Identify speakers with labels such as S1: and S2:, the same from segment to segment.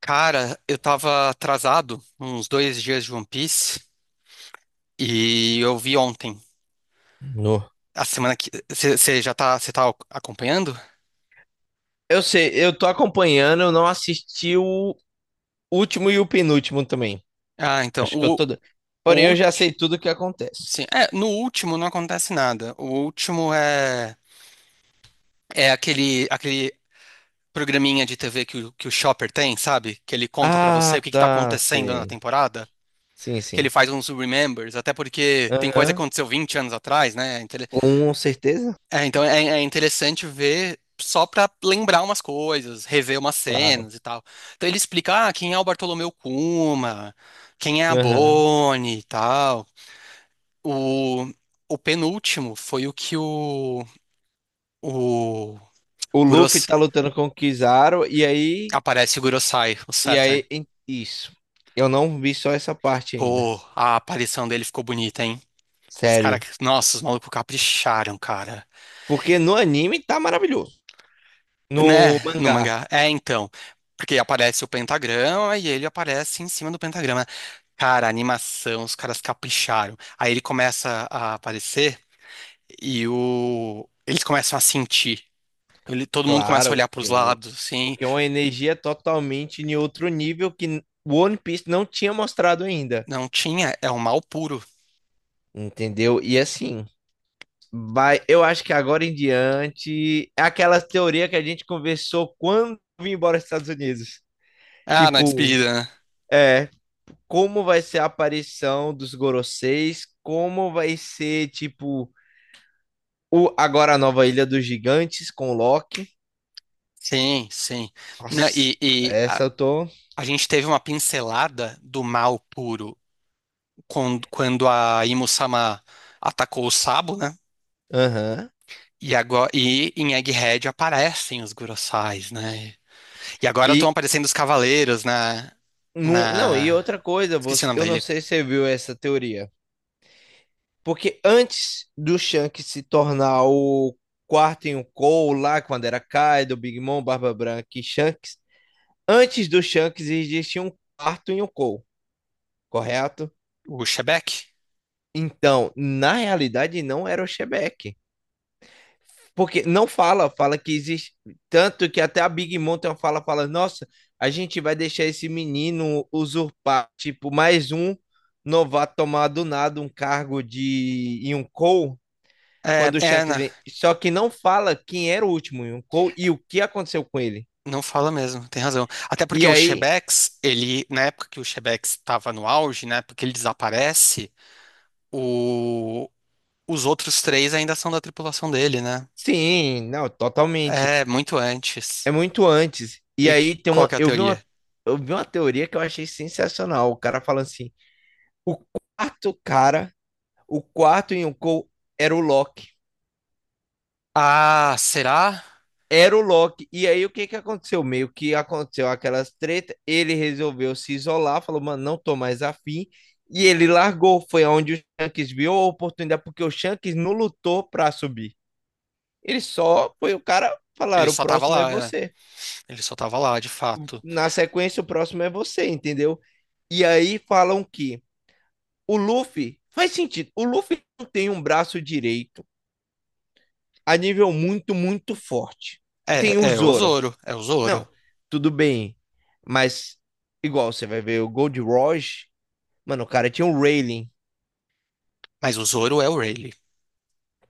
S1: Cara, eu tava atrasado uns dois dias de One Piece e eu vi ontem.
S2: No.
S1: A semana que. Você já tá, você tá acompanhando?
S2: Eu sei, eu tô acompanhando, eu não assisti o último e o penúltimo também.
S1: Ah, então.
S2: Acho que eu tô.
S1: O
S2: Porém, eu já
S1: último.
S2: sei tudo o que
S1: Sim.
S2: acontece.
S1: É, no último não acontece nada. O último é. É aquele programinha de TV que o Chopper tem, sabe? Que ele conta pra você o
S2: Ah,
S1: que que tá
S2: tá,
S1: acontecendo na
S2: sei.
S1: temporada.
S2: Sim,
S1: Que ele
S2: sim.
S1: faz uns remembers, até porque tem coisa que
S2: Aham.
S1: aconteceu 20 anos atrás, né? Então,
S2: Com certeza?
S1: É interessante ver só para lembrar umas coisas, rever umas
S2: Claro.
S1: cenas e tal. Então ele explica, ah, quem é o Bartolomeu Kuma, quem é a
S2: Aham.
S1: Bonnie e tal. O, o penúltimo foi o que o
S2: O Luffy
S1: Guros,
S2: tá lutando com o Kizaru e aí.
S1: aparece o Gurosai, o
S2: E
S1: Saturn.
S2: aí. Isso. Eu não vi só essa parte ainda.
S1: Pô, a aparição dele ficou bonita, hein? Os caras,
S2: Sério.
S1: nossa, os malucos capricharam, cara.
S2: Porque no anime tá maravilhoso.
S1: Né?
S2: No
S1: No
S2: mangá.
S1: mangá. É, então. Porque aparece o pentagrama e ele aparece em cima do pentagrama. Cara, a animação, os caras capricharam. Aí ele começa a aparecer e eles começam a sentir. Todo mundo começa a
S2: Claro,
S1: olhar pros lados, assim.
S2: porque é uma energia totalmente em outro nível que o One Piece não tinha mostrado ainda,
S1: Não tinha, é o mal puro.
S2: entendeu? E assim, vai, eu acho que agora em diante, é aquela teoria que a gente conversou quando eu vim embora dos Estados Unidos.
S1: Ah, na
S2: Tipo,
S1: despedida, né?
S2: é, como vai ser a aparição dos Goroseis, como vai ser, tipo, agora a nova Ilha dos Gigantes com o Loki.
S1: Sim, sim. Né,
S2: Nossa, essa eu tô.
S1: A gente teve uma pincelada do mal puro quando, quando a Imusama atacou o Sabo, né?
S2: Aham.
S1: E agora, e em Egghead aparecem os Gurosais, né? E agora estão
S2: E,
S1: aparecendo os cavaleiros na,
S2: Não, não, e
S1: na...
S2: outra coisa,
S1: Esqueci o
S2: você,
S1: nome
S2: eu
S1: da
S2: não
S1: ilha.
S2: sei se você viu essa teoria. Porque antes do Shanks se tornar o quarto em um Cole lá, quando era Kaido, Big Mom, Barba Branca e Shanks, antes do Shanks existia um quarto em um Cole, correto?
S1: O Shebeck?
S2: Então, na realidade, não era o Shebeck. Porque não fala, fala que existe. Tanto que até a Big Mom tem uma fala, fala, nossa, a gente vai deixar esse menino usurpar, tipo, mais um novato tomar do nada um cargo de Yonkou
S1: É,
S2: quando o
S1: é,
S2: Shanks
S1: na-
S2: vem. Só que não fala quem era o último Yonkou e o que aconteceu com ele.
S1: não fala mesmo, tem razão. Até porque
S2: E
S1: o
S2: aí,
S1: Shebex, ele, na época que o Shebex estava no auge, né, porque ele desaparece, o, os outros 3 ainda são da tripulação dele, né?
S2: sim, não, totalmente.
S1: É, muito
S2: É
S1: antes.
S2: muito antes. E
S1: E
S2: aí tem
S1: qual
S2: uma.
S1: que é a
S2: Eu vi
S1: teoria?
S2: uma, eu vi uma teoria que eu achei sensacional. O cara falando assim: o quarto cara O quarto Yonkou era o Loki.
S1: Ah, será?
S2: Era o Loki. E aí o que que aconteceu? Meio que aconteceu aquelas tretas, ele resolveu se isolar, falou, mano, não tô mais afim. E ele largou. Foi onde o Shanks viu a oportunidade, porque o Shanks não lutou pra subir. Ele só foi o cara
S1: Ele
S2: falar, o
S1: só tava
S2: próximo é
S1: lá, é.
S2: você.
S1: Ele só tava lá, de fato.
S2: Na sequência, o próximo é você, entendeu? E aí falam que o Luffy faz sentido. O Luffy não tem um braço direito a nível muito, muito forte.
S1: É,
S2: Tem o
S1: é o
S2: Zoro.
S1: Zoro, é o Zoro.
S2: Não, tudo bem. Mas, igual, você vai ver o Gold Rush. Mano, o cara tinha um railing.
S1: Mas o Zoro é o Rayleigh.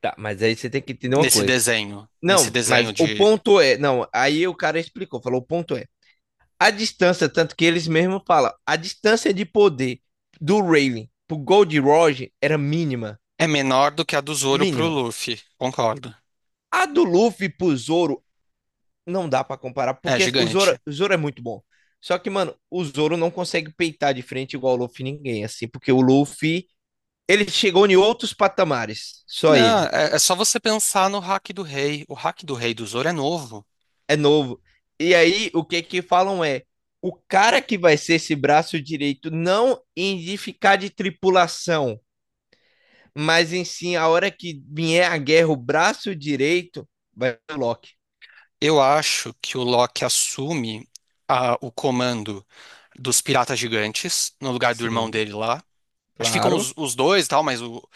S2: Tá, mas aí você tem que entender uma
S1: Nesse
S2: coisa.
S1: desenho, nesse
S2: Não, mas
S1: desenho
S2: o
S1: de...
S2: ponto é. Não, aí o cara explicou, falou: o ponto é. A distância, tanto que eles mesmos falam, a distância de poder do railing pro Gold Rush era mínima.
S1: É menor do que a do Zoro pro
S2: Mínima.
S1: Luffy, concordo.
S2: A do Luffy pro Zoro não dá pra comparar,
S1: É
S2: porque o Zoro,
S1: gigante.
S2: o Zoro é muito bom. Só que, mano, o Zoro não consegue peitar de frente igual o Luffy ninguém, assim, porque o Luffy. Ele chegou em outros patamares, só
S1: Não,
S2: ele.
S1: é, é só você pensar no hack do rei. O hack do rei do Zoro é novo.
S2: É novo. E aí, o que que falam é, o cara que vai ser esse braço direito, não em de ficar de tripulação, mas em sim, a hora que vier a guerra, o braço direito vai ser o Loki.
S1: Eu acho que o Loki assume o comando dos piratas gigantes, no lugar do irmão
S2: Sim,
S1: dele lá. Acho que ficam
S2: claro.
S1: os dois e tal, mas o...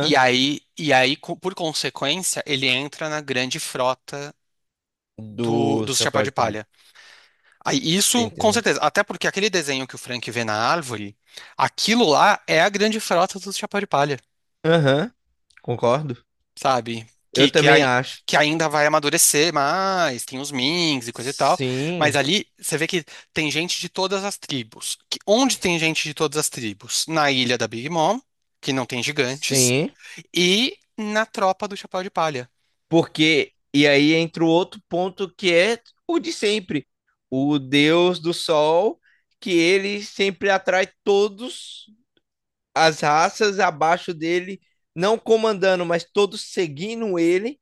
S1: E aí, por consequência, ele entra na grande frota
S2: Do
S1: dos Chapéu
S2: Chapéu
S1: de
S2: de Palha.
S1: Palha. Aí,
S2: Você
S1: isso, com
S2: entendeu?
S1: certeza. Até porque aquele desenho que o Frank vê na árvore, aquilo lá é a grande frota do Chapéu de Palha,
S2: Aham, concordo.
S1: sabe?
S2: Eu
S1: Que, que,
S2: também
S1: ai-
S2: acho.
S1: que ainda vai amadurecer mais, tem os Minks e coisa e tal. Mas
S2: Sim,
S1: ali você vê que tem gente de todas as tribos. Onde tem gente de todas as tribos? Na ilha da Big Mom, que não tem gigantes,
S2: sim.
S1: e na tropa do Chapéu de Palha.
S2: Porque, e aí entra o outro ponto que é o de sempre. O deus do sol, que ele sempre atrai todos as raças abaixo dele, não comandando, mas todos seguindo ele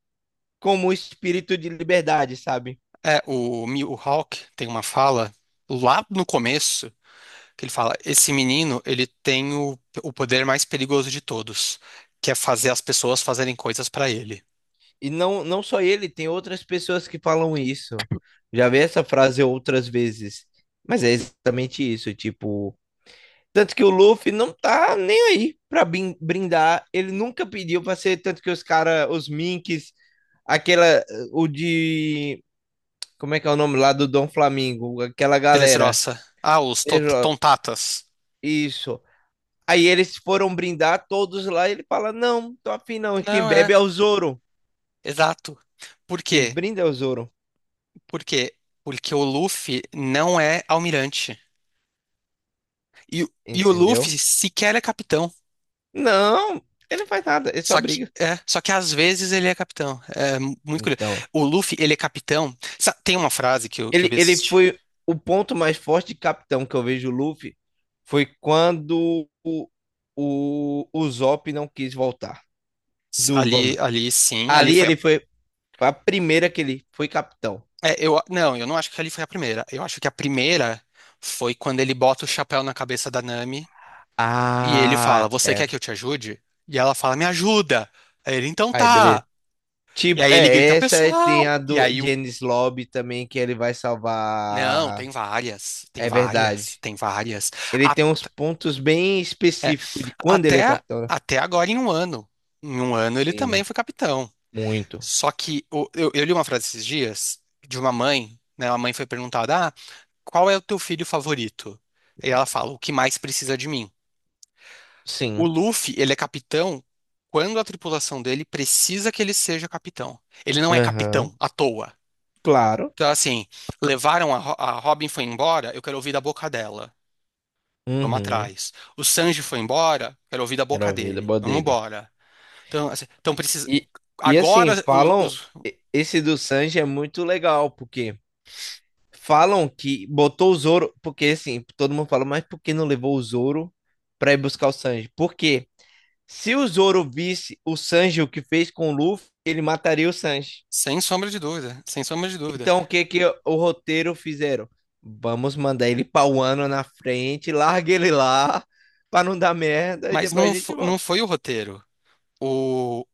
S2: como espírito de liberdade, sabe?
S1: É, o Mihawk tem uma fala lá no começo. Que ele fala, esse menino, ele tem o poder mais perigoso de todos, que é fazer as pessoas fazerem coisas pra ele.
S2: E não, não só ele, tem outras pessoas que falam isso. Já vi essa frase outras vezes. Mas é exatamente isso, tipo, tanto que o Luffy não tá nem aí pra brindar. Ele nunca pediu pra ser. Tanto que os caras, os Minks, aquela. O de. Como é que é o nome lá do Dom Flamingo? Aquela galera.
S1: Telesroça. Ah, os
S2: Ele-
S1: tontatas.
S2: Isso. Aí eles foram brindar todos lá, e ele fala: Não, tô afim não. E quem
S1: Não é,
S2: bebe é o Zoro.
S1: exato. Por
S2: Quem
S1: quê?
S2: brinda é o Zoro.
S1: Por quê? Porque o Luffy não é almirante. E, e o
S2: Entendeu?
S1: Luffy sequer é capitão.
S2: Não, ele não faz nada. Ele só
S1: Só que,
S2: briga.
S1: só que às vezes ele é capitão. É muito curioso.
S2: Então,
S1: O Luffy, ele é capitão. Tem uma frase que eu
S2: Ele,
S1: vi
S2: ele
S1: assistir.
S2: foi o ponto mais forte de capitão que eu vejo o Luffy foi quando o Zop não quis voltar do
S1: Ali,
S2: Gomer.
S1: ali sim, ali
S2: Ali
S1: foi.
S2: ele foi a primeira que ele foi capitão.
S1: É, eu não acho que ali foi a primeira. Eu acho que a primeira foi quando ele bota o chapéu na cabeça da Nami e ele fala:
S2: Ah,
S1: Você
S2: é.
S1: quer que eu te ajude? E ela fala: Me ajuda! Aí ele, então
S2: Aí,
S1: tá.
S2: beleza.
S1: E
S2: Tipo,
S1: aí ele grita:
S2: é, essa aí tem
S1: Pessoal!
S2: a
S1: E
S2: do
S1: aí o.
S2: Janice Lobby também, que ele vai
S1: Não,
S2: salvar.
S1: tem várias, tem
S2: É
S1: várias,
S2: verdade.
S1: tem várias.
S2: Ele
S1: A-
S2: tem uns pontos bem
S1: é,
S2: específicos de quando ele é
S1: até,
S2: capitão, né?
S1: até agora em 1 ano. Em um ano ele também
S2: Sim,
S1: foi capitão.
S2: muito.
S1: Só que eu li uma frase esses dias de uma mãe, né? A mãe foi perguntada. "Ah, qual é o teu filho favorito? E ela fala, o que mais precisa de mim? O
S2: Sim.
S1: Luffy, ele é capitão quando a tripulação dele precisa que ele seja capitão. Ele não é
S2: Aham.
S1: capitão à toa.
S2: Claro.
S1: Então, assim, levaram a, a Robin foi embora, eu quero ouvir da boca dela. Vamos
S2: Uhum.
S1: atrás. O Sanji foi embora, quero ouvir da boca
S2: Quero ver, da
S1: dele.
S2: boa
S1: Vamos
S2: dele.
S1: embora. Então, assim, então precisa.
S2: E, e
S1: Agora,
S2: assim, falam. Esse do Sanji é muito legal, porque falam que botou o Zoro. Porque assim, todo mundo fala, mas por que não levou o Zoro pra ir buscar o Sanji? Porque se o Zoro visse o Sanji o que fez com o Luffy, ele mataria o Sanji.
S1: sem sombra de dúvida, sem sombra de dúvida.
S2: Então, o que que o roteiro fizeram? Vamos mandar ele pra um ano na frente, larga ele lá, pra não dar merda, e
S1: Mas
S2: depois
S1: não,
S2: a gente
S1: não
S2: volta.
S1: foi o roteiro. O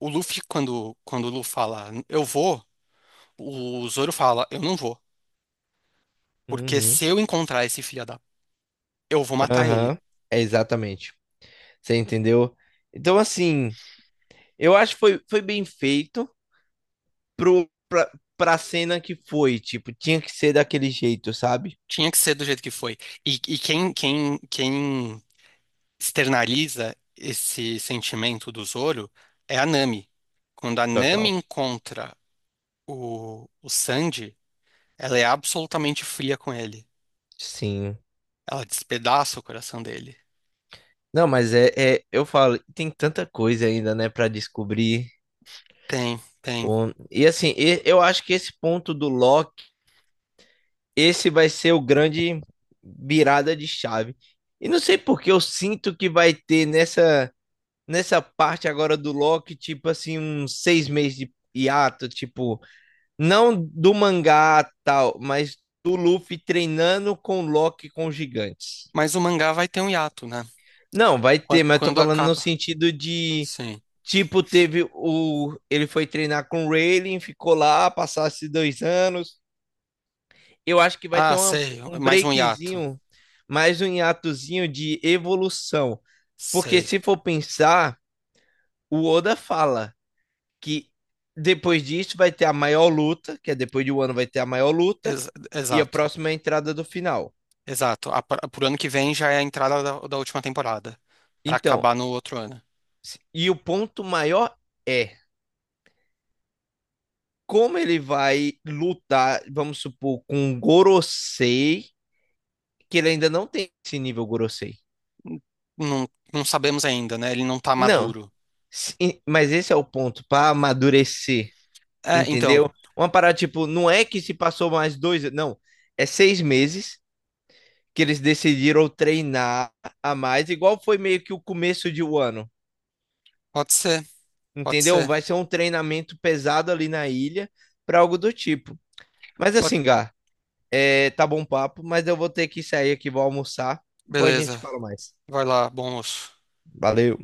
S1: O Luffy, quando, quando o Luffy fala, eu vou, o Zoro fala, eu não vou. Porque
S2: Uhum,
S1: se eu encontrar esse filho da... Eu vou matar ele.
S2: aham, é exatamente. Você entendeu? Então, assim, eu acho que foi bem feito pro, pra, pra cena que foi. Tipo, tinha que ser daquele jeito, sabe?
S1: Tinha que ser do jeito que foi. E quem externaliza esse sentimento do Zoro é a Nami. Quando a Nami
S2: Total.
S1: encontra o Sanji, ela é absolutamente fria com ele.
S2: Sim.
S1: Ela despedaça o coração dele.
S2: Não, mas é, eu falo, tem tanta coisa ainda, né, pra descobrir.
S1: Tem, tem.
S2: O E assim, eu acho que esse ponto do Loki, esse vai ser o grande virada de chave. E não sei porque eu sinto que vai ter nessa, parte agora do Loki, tipo assim, uns 6 meses de hiato, tipo. Não do mangá tal, mas do Luffy treinando com o Loki com os gigantes.
S1: Mas o mangá vai ter um hiato, né?
S2: Não, vai ter, mas eu tô
S1: Quando
S2: falando no
S1: acaba...
S2: sentido de.
S1: Sim.
S2: Tipo, teve o. Ele foi treinar com o Rayleigh, ficou lá, passasse 2 anos. Eu acho que vai ter
S1: Ah, sei,
S2: um
S1: mais um hiato.
S2: breakzinho, mais um hiatozinho de evolução. Porque
S1: Sei.
S2: se for pensar, o Oda fala que depois disso vai ter a maior luta, que é depois de um ano vai ter a maior luta, e a
S1: Exato,
S2: próxima é a entrada do final.
S1: exato. A, pro ano que vem já é a entrada da última temporada, pra
S2: Então,
S1: acabar no outro ano.
S2: e o ponto maior é como ele vai lutar, vamos supor, com o Gorosei, que ele ainda não tem esse nível Gorosei.
S1: Não, não sabemos ainda, né? Ele não tá
S2: Não,
S1: maduro.
S2: mas esse é o ponto para amadurecer,
S1: É, então,
S2: entendeu? Uma parada tipo, não é que se passou mais dois, não, é 6 meses que eles decidiram treinar a mais, igual foi meio que o começo de um ano,
S1: pode ser, pode
S2: entendeu?
S1: ser.
S2: Vai ser um treinamento pesado ali na ilha, para algo do tipo. Mas assim,
S1: Pode-
S2: Gá. É, tá bom papo, mas eu vou ter que sair aqui, vou almoçar. Depois a gente
S1: Beleza,
S2: fala mais.
S1: vai lá, bom moço.
S2: Valeu.